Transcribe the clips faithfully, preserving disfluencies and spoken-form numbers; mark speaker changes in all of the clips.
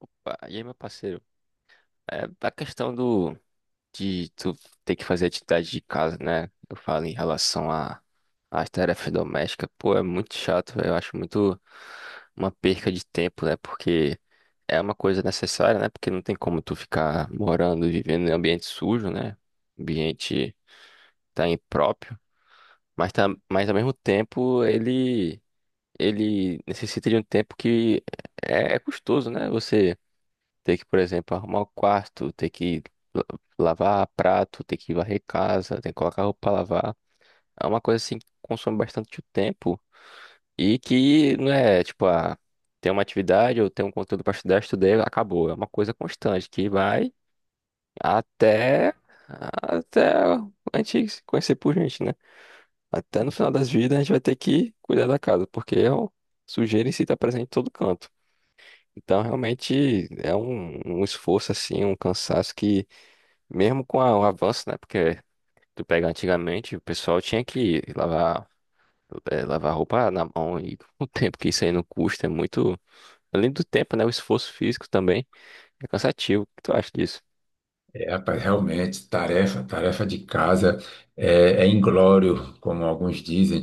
Speaker 1: Opa, e aí, meu parceiro? É a questão do de tu ter que fazer atividade de casa, né? Eu falo em relação a às tarefas domésticas, pô, é muito chato, eu acho muito uma perca de tempo, né? Porque é uma coisa necessária, né? Porque não tem como tu ficar morando e vivendo em ambiente sujo, né? Ambiente tá impróprio, mas tá, mas ao mesmo tempo ele ele necessita de um tempo que é, é custoso, né? Você ter que, por exemplo, arrumar o quarto, ter que la- lavar prato, ter que varrer casa, ter que colocar roupa pra lavar. É uma coisa assim que consome bastante o tempo e que não é tipo, ah, tem uma atividade ou tem um conteúdo para estudar, estudei, acabou. É uma coisa constante que vai até até a gente se conhecer por gente, né? Até no final das vidas a gente vai ter que cuidar da casa, porque é um- sujeira em si está presente em todo canto. Então, realmente é um, um esforço assim, um cansaço que mesmo com a- o avanço, né? Porque tu pega antigamente, o pessoal tinha que lavar, eh, lavar roupa na mão e o tempo que isso aí não custa é muito. Além do tempo, né? O esforço físico também é cansativo. O que tu acha disso?
Speaker 2: É, rapaz, realmente, tarefa, tarefa de casa é, é inglório, como alguns dizem.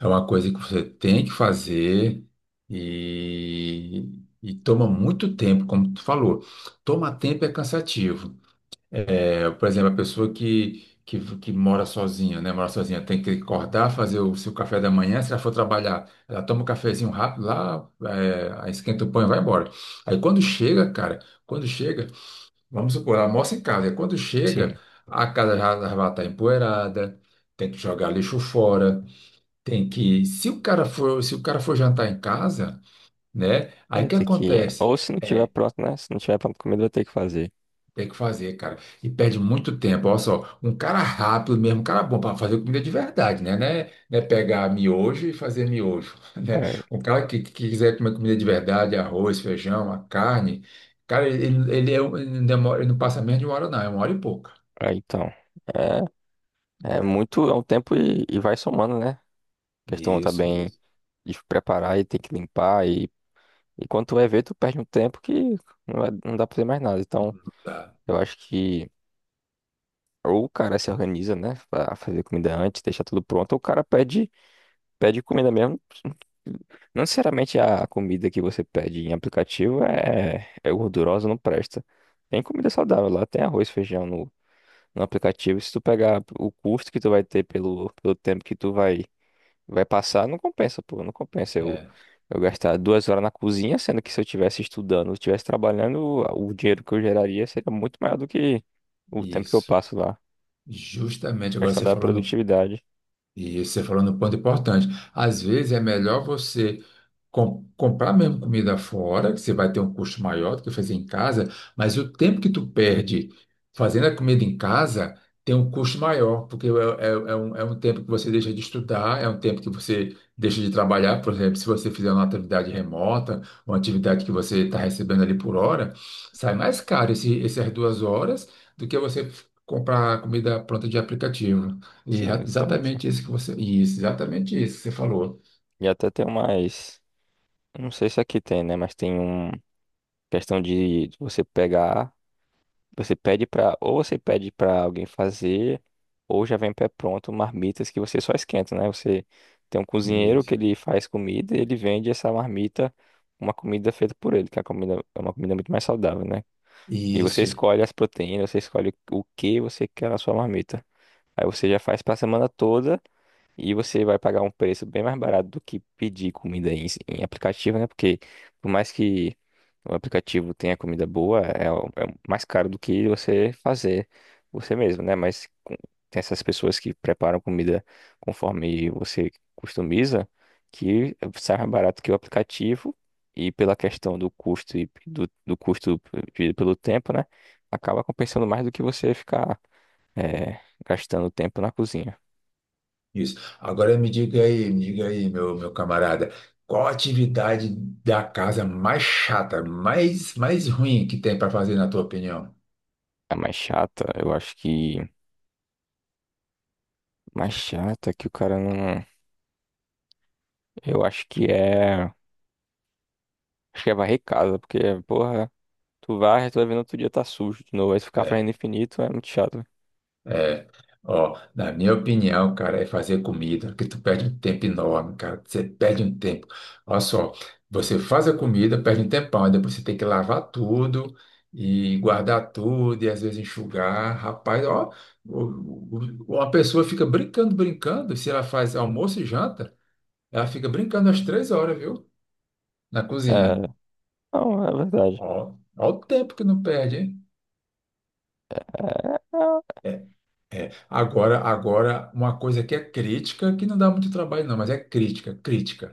Speaker 2: É uma coisa que você tem que fazer e, e toma muito tempo, como tu falou. Toma tempo é cansativo. É, por exemplo, a pessoa que, que, que mora sozinha, né? Mora sozinha, tem que acordar, fazer o seu café da manhã. Se ela for trabalhar, ela toma um cafezinho rápido lá, é, aí esquenta o pão e vai embora. Aí quando chega, cara, quando chega. Vamos supor, almoça em casa. E quando
Speaker 1: Sim,
Speaker 2: chega, a casa já já vai estar empoeirada, tem que jogar lixo fora, tem que. Se o cara for, se o cara for jantar em casa, né? Aí
Speaker 1: vai
Speaker 2: o que
Speaker 1: ter que.
Speaker 2: acontece?
Speaker 1: Ou se não tiver
Speaker 2: É,
Speaker 1: pronto, né? Se não tiver pronto comida, vai ter que fazer.
Speaker 2: tem que fazer, cara. E perde muito tempo. Olha só, um cara rápido mesmo, um cara bom para fazer comida de verdade, né? Né, né pegar miojo e fazer miojo, né?
Speaker 1: É,
Speaker 2: Um cara que, que quiser comer comida de verdade, arroz, feijão, a carne, cara, ele, ele, é um- ele demora, ele não passa menos de uma hora, não, é uma hora e pouca.
Speaker 1: é, então. É, é
Speaker 2: Né?
Speaker 1: muito, é um tempo e, e vai somando, né? A questão tá
Speaker 2: Isso,
Speaker 1: bem
Speaker 2: isso.
Speaker 1: de preparar e tem que limpar. E, e quando tu vai ver, tu perde um tempo que não, vai- não dá pra fazer mais nada. Então,
Speaker 2: Tá.
Speaker 1: eu acho que. Ou o cara se organiza, né, pra fazer comida antes, deixar tudo pronto, ou o cara pede, pede comida mesmo. Não necessariamente a comida que você pede em aplicativo é, é gordurosa, não presta. Tem comida saudável lá, tem arroz, feijão no, no aplicativo. Se tu pegar o custo que tu vai ter pelo, pelo tempo que tu vai, vai passar, não compensa, pô, não compensa. Eu,
Speaker 2: É,
Speaker 1: eu gastar duas horas na cozinha, sendo que se eu estivesse estudando, eu estivesse trabalhando, o dinheiro que eu geraria seria muito maior do que o tempo que eu
Speaker 2: isso.
Speaker 1: passo lá
Speaker 2: Justamente agora
Speaker 1: questão
Speaker 2: você
Speaker 1: da
Speaker 2: falou no,
Speaker 1: produtividade.
Speaker 2: e você falou no ponto importante. Às vezes é melhor você com- comprar mesmo comida fora, que você vai ter um custo maior do que fazer em casa, mas o tempo que tu perde fazendo a comida em casa tem um custo maior, porque é, é- é um, é um tempo que você deixa de estudar, é um tempo que você deixa de trabalhar, por exemplo, se você fizer uma atividade remota, uma atividade que você está recebendo ali por hora, sai mais caro esse, essas duas horas do que você comprar comida pronta de aplicativo. E
Speaker 1: Sim,
Speaker 2: é
Speaker 1: exatamente.
Speaker 2: exatamente isso que você, isso, exatamente isso que você falou.
Speaker 1: E até tem mais. Eu Não sei se aqui tem, né? Mas tem um questão de você pegar. Você pede pra. Ou você pede pra alguém fazer, ou já vem pré-pronto marmitas que você só esquenta, né? Você tem um cozinheiro
Speaker 2: Isso.
Speaker 1: que ele faz comida e ele vende essa marmita, uma comida feita por ele, que é uma comida, é uma comida muito mais saudável, né? E você
Speaker 2: Isso.
Speaker 1: escolhe as proteínas, você escolhe o que você quer na sua marmita. Aí você já faz pra semana toda. E você vai pagar um preço bem mais barato do que pedir comida em, em aplicativo, né? Porque por mais que o aplicativo tenha comida boa, é, o- é o mais caro do que você fazer você mesmo, né? Mas com- tem essas pessoas que preparam comida conforme você customiza, que sai mais barato que o aplicativo. E pela questão do custo e do, do custo dividido pelo tempo, né? Acaba compensando mais do que você ficar eh, gastando tempo na cozinha.
Speaker 2: Isso. Agora me diga aí, me diga aí, meu, meu camarada, qual a atividade da casa mais chata, mais, mais ruim que tem para fazer, na tua opinião?
Speaker 1: A mais chata, eu acho que. Mais chata que o cara não. Eu acho que é. Acho que é varrer casa, porque, porra, tu varre, tu vai vendo outro dia tá sujo de novo, aí tu ficar
Speaker 2: É,
Speaker 1: fazendo infinito é muito chato.
Speaker 2: é. Ó, na minha opinião, cara, é fazer comida, que tu perde um tempo enorme, cara. Você perde um tempo. Olha só, você faz a comida, perde um tempão, aí depois você tem que lavar tudo e guardar tudo e às vezes enxugar. Rapaz, ó, o- o- uma pessoa fica brincando, brincando, se ela faz almoço e janta. Ela fica brincando às três horas, viu? Na cozinha.
Speaker 1: É. Não, é verdade.
Speaker 2: Ó, ó o tempo que não perde, hein?
Speaker 1: É. é,
Speaker 2: É, é. Agora, agora, uma coisa que é crítica, que não dá muito trabalho, não, mas é crítica, crítica.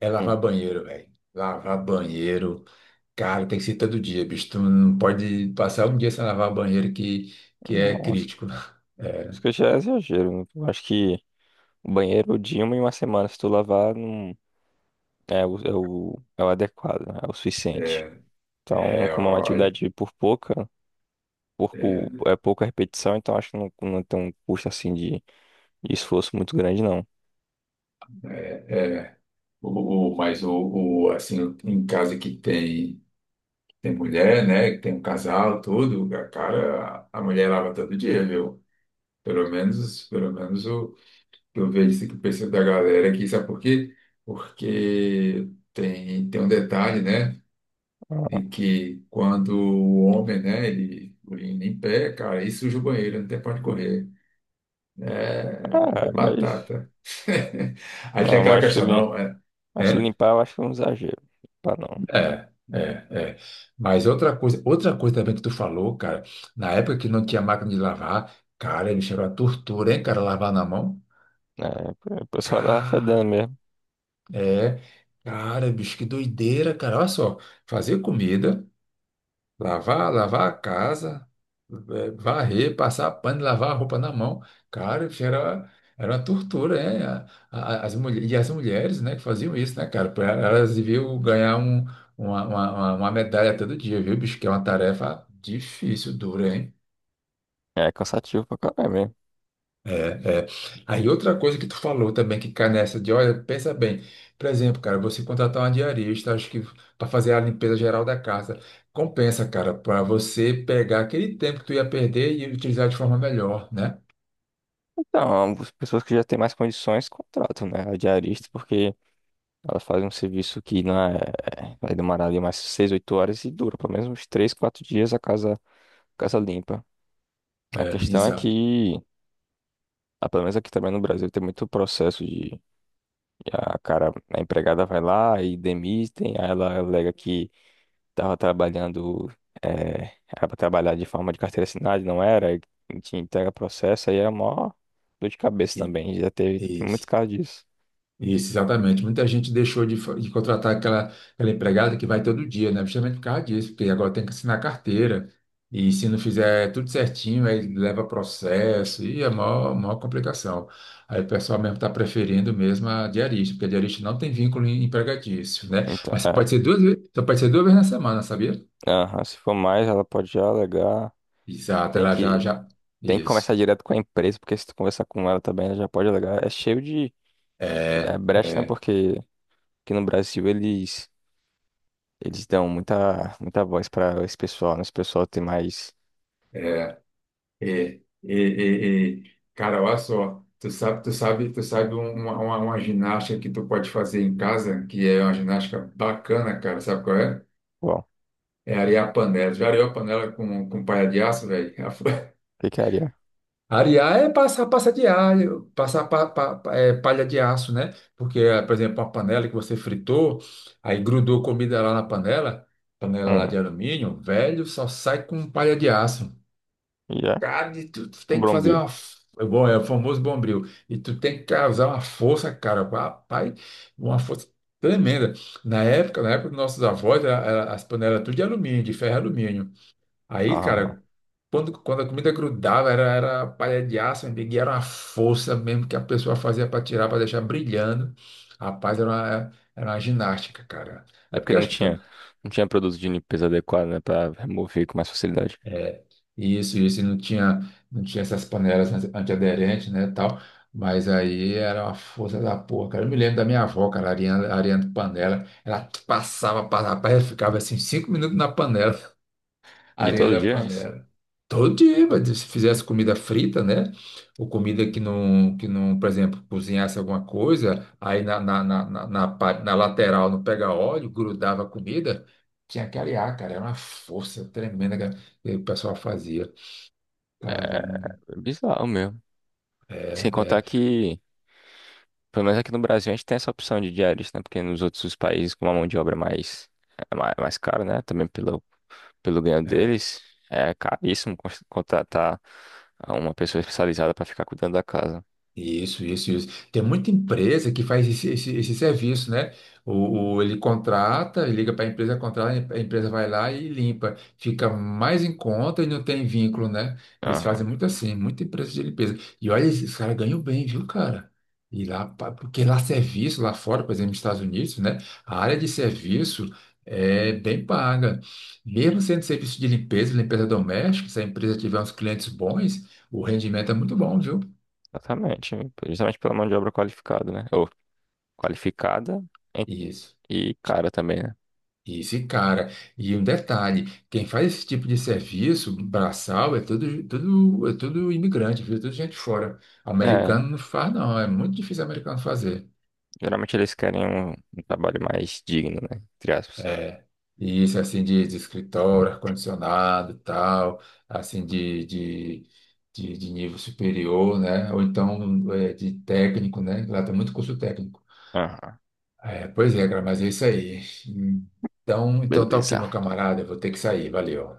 Speaker 2: É
Speaker 1: hum.
Speaker 2: lavar banheiro, velho. Lavar banheiro. Cara, tem que ser todo dia, bicho. Tu não pode passar um dia sem lavar banheiro que, que é
Speaker 1: Não, acho que
Speaker 2: crítico. Né?
Speaker 1: acho
Speaker 2: É,
Speaker 1: que já é exagero, né? Eu acho que o banheiro, de uma em uma semana, se tu lavar, não. É o, é o, é o adequado, né? É o suficiente.
Speaker 2: é,
Speaker 1: Então,
Speaker 2: é,
Speaker 1: como é uma
Speaker 2: ó,
Speaker 1: atividade por pouca, pouco,
Speaker 2: é,
Speaker 1: é pouca repetição, então acho que não, não tem um custo assim de. De esforço muito grande, não.
Speaker 2: é. O, o- mas o, o, assim, em casa que tem. Tem mulher, né? que Tem um casal, tudo. A cara, a mulher lava todo dia, viu? Pelo menos, pelo menos o que eu vejo, assim, que o pessoal da galera aqui, sabe por quê? Porque tem, tem um detalhe, né?
Speaker 1: Ah,
Speaker 2: E que quando o homem, né, ele urina em pé, cara, aí suja o banheiro, não tem pra onde correr. É, é
Speaker 1: é, mas
Speaker 2: batata. Aí tem
Speaker 1: não,
Speaker 2: aquela
Speaker 1: acho que
Speaker 2: questão,
Speaker 1: ele.
Speaker 2: não, é.
Speaker 1: Acho que
Speaker 2: É?
Speaker 1: limpar eu acho que é um exagero. Limpar não.
Speaker 2: É, é, é. Mas outra coisa, outra coisa também que tu falou, cara, na época que não tinha máquina de lavar, cara, bicho, era a tortura, hein, cara, lavar na mão.
Speaker 1: É, o pessoal tava fedendo
Speaker 2: Cara,
Speaker 1: mesmo.
Speaker 2: é, cara, bicho, que doideira, cara. Olha só, fazer comida. Lavar, lavar a casa, eh, varrer, passar pano, lavar a roupa na mão. Cara, isso era, era uma tortura, né? A- a- As mulher, e as mulheres, né, que faziam isso, né, cara? Pra- Elas deviam ganhar um, uma, uma, uma- uma medalha todo dia, viu, bicho? Que é uma tarefa difícil, dura, hein?
Speaker 1: É cansativo pra caralho mesmo.
Speaker 2: É, é. Aí outra coisa que tu falou também que cai nessa de, olha, pensa bem, por exemplo, cara, você contratar uma diarista, acho que para fazer a limpeza geral da casa, compensa, cara, para você pegar aquele tempo que tu ia perder e utilizar de forma melhor, né?
Speaker 1: Então, as pessoas que já têm mais condições contratam, né? A diarista, porque elas fazem um serviço que não é. Vai demorar ali mais seis, oito horas e dura pelo menos uns três, quatro dias a casa, casa limpa. A
Speaker 2: É,
Speaker 1: questão é
Speaker 2: exato.
Speaker 1: que, ah, pelo menos aqui também no Brasil, tem muito processo de a cara, a empregada vai lá e demitem, aí ela alega que estava trabalhando, eh, era para trabalhar de forma de carteira assinada, e não era, e te entrega processo, aí é mó dor de cabeça também, já teve, tem muitos casos disso.
Speaker 2: Isso, exatamente. Muita gente deixou de, fa- de contratar aquela, aquela empregada que vai todo dia, né? Justamente por causa disso, porque agora tem que assinar carteira. E se não fizer tudo certinho, aí leva processo e é maior, maior complicação. Aí o pessoal mesmo está preferindo mesmo a diarista, porque a diarista não tem vínculo em- empregatício, né?
Speaker 1: Então,
Speaker 2: Mas só pode
Speaker 1: é,
Speaker 2: ser duas, ve- só pode ser duas vezes na semana, sabia?
Speaker 1: aham, se for mais, ela pode já alegar,
Speaker 2: Exato,
Speaker 1: tem
Speaker 2: ela já,
Speaker 1: que,
Speaker 2: já.
Speaker 1: tem que
Speaker 2: Isso.
Speaker 1: conversar direto com a empresa, porque se tu conversar com ela também, ela já pode alegar, é cheio de é,
Speaker 2: É,
Speaker 1: brecha, né,
Speaker 2: é.
Speaker 1: porque aqui no Brasil eles, eles dão muita, muita voz para esse pessoal, né, esse pessoal tem mais...
Speaker 2: É. É, é, é, é. Cara, olha só, tu sabe, tu sabe, tu sabe um- uma, uma, uma ginástica que tu pode fazer em casa, que é uma ginástica bacana, cara, sabe qual é? É arear a panela. Já areou a panela com, com palha de aço, velho?
Speaker 1: Ficaria.
Speaker 2: Arear é passar passa de alho, passar pa- pa- pa- é, palha de aço, né? Porque, eh, por exemplo, uma panela que você fritou, aí grudou comida lá na panela, panela lá
Speaker 1: Hum,
Speaker 2: de alumínio, velho, só sai com palha de aço.
Speaker 1: já?
Speaker 2: Cara, e tu, tu
Speaker 1: O
Speaker 2: tem que fazer
Speaker 1: Brombil.
Speaker 2: uma. F- é Bom, é o famoso bombril. E tu tem que causar uma força, cara, rapaz, uma força tremenda. Na época, na época dos nossos avós, a- a- as panelas tudo de alumínio, de ferro e alumínio. Aí,
Speaker 1: Ah,
Speaker 2: cara, quando, quando a comida grudava, era, era palha de aço, meu amigo, e era uma força mesmo que a pessoa fazia para tirar, para deixar brilhando. Rapaz, era uma, era uma ginástica, cara. É
Speaker 1: é porque
Speaker 2: porque eu
Speaker 1: não
Speaker 2: acho que
Speaker 1: tinha, não tinha produto de limpeza adequado, né, pra remover com mais facilidade.
Speaker 2: é, isso, isso, e não tinha, não tinha essas panelas anti- antiaderentes, né, tal, mas aí era uma força da porra, cara, eu me lembro da minha avó, cara, a Ariana, a Ariana de panela, ela passava, passava, rapaz, eu ficava assim, cinco minutos na panela, a
Speaker 1: E todo
Speaker 2: Ariana da
Speaker 1: dia, é isso
Speaker 2: panela, todo dia, mas se fizesse comida frita, né, ou comida que não, que não, por exemplo, cozinhasse alguma coisa, aí na, na, na, na, na parte- na lateral não pega óleo, grudava a comida, tinha que arear, cara, era uma força tremenda, cara, que o pessoal fazia.
Speaker 1: é
Speaker 2: Caramba,
Speaker 1: bizarro mesmo.
Speaker 2: é,
Speaker 1: Sem contar
Speaker 2: é,
Speaker 1: que, pelo menos aqui no Brasil, a gente tem essa opção de diarista, né, porque nos outros países com uma mão de obra mais, é mais, mais cara, né, também pelo, pelo ganho
Speaker 2: é.
Speaker 1: deles, é caríssimo cons- contratar uma pessoa especializada para ficar cuidando da casa.
Speaker 2: Isso, isso, isso. Tem muita empresa que faz esse, esse, esse serviço, né? O, o- ele contrata, liga para a empresa, contrata, a empresa vai lá e limpa. Fica mais em conta e não tem vínculo, né? Eles fazem
Speaker 1: Aham,
Speaker 2: muito assim, muita empresa de limpeza. E olha, esses caras ganham bem, viu, cara? E lá, pa- porque lá serviço, lá fora, por exemplo, nos Estados Unidos, né? A área de serviço é bem paga. Mesmo sendo serviço de limpeza, limpeza doméstica, se a empresa tiver uns clientes bons, o rendimento é muito bom, viu?
Speaker 1: exatamente. Justamente pela mão de obra qualificada, né, ou qualificada.
Speaker 2: Isso.
Speaker 1: E cara também, né?
Speaker 2: Isso, e cara. E um detalhe, quem faz esse tipo de serviço braçal é tudo, tudo, é tudo imigrante, viu? Tudo gente fora.
Speaker 1: É,
Speaker 2: Americano não faz, não. É muito difícil americano fazer.
Speaker 1: geralmente eles querem um, um trabalho mais digno, né? Entre aspas.
Speaker 2: É. E isso, assim, de, de escritório, ar-condicionado, tal, assim, de, de, de, de nível superior, né? Ou então é, de técnico, né? Lá tem muito curso técnico.
Speaker 1: Aham,
Speaker 2: É, pois é, cara, mas é isso aí. Então, então tá ok,
Speaker 1: beleza.
Speaker 2: meu camarada. Eu vou ter que sair. Valeu.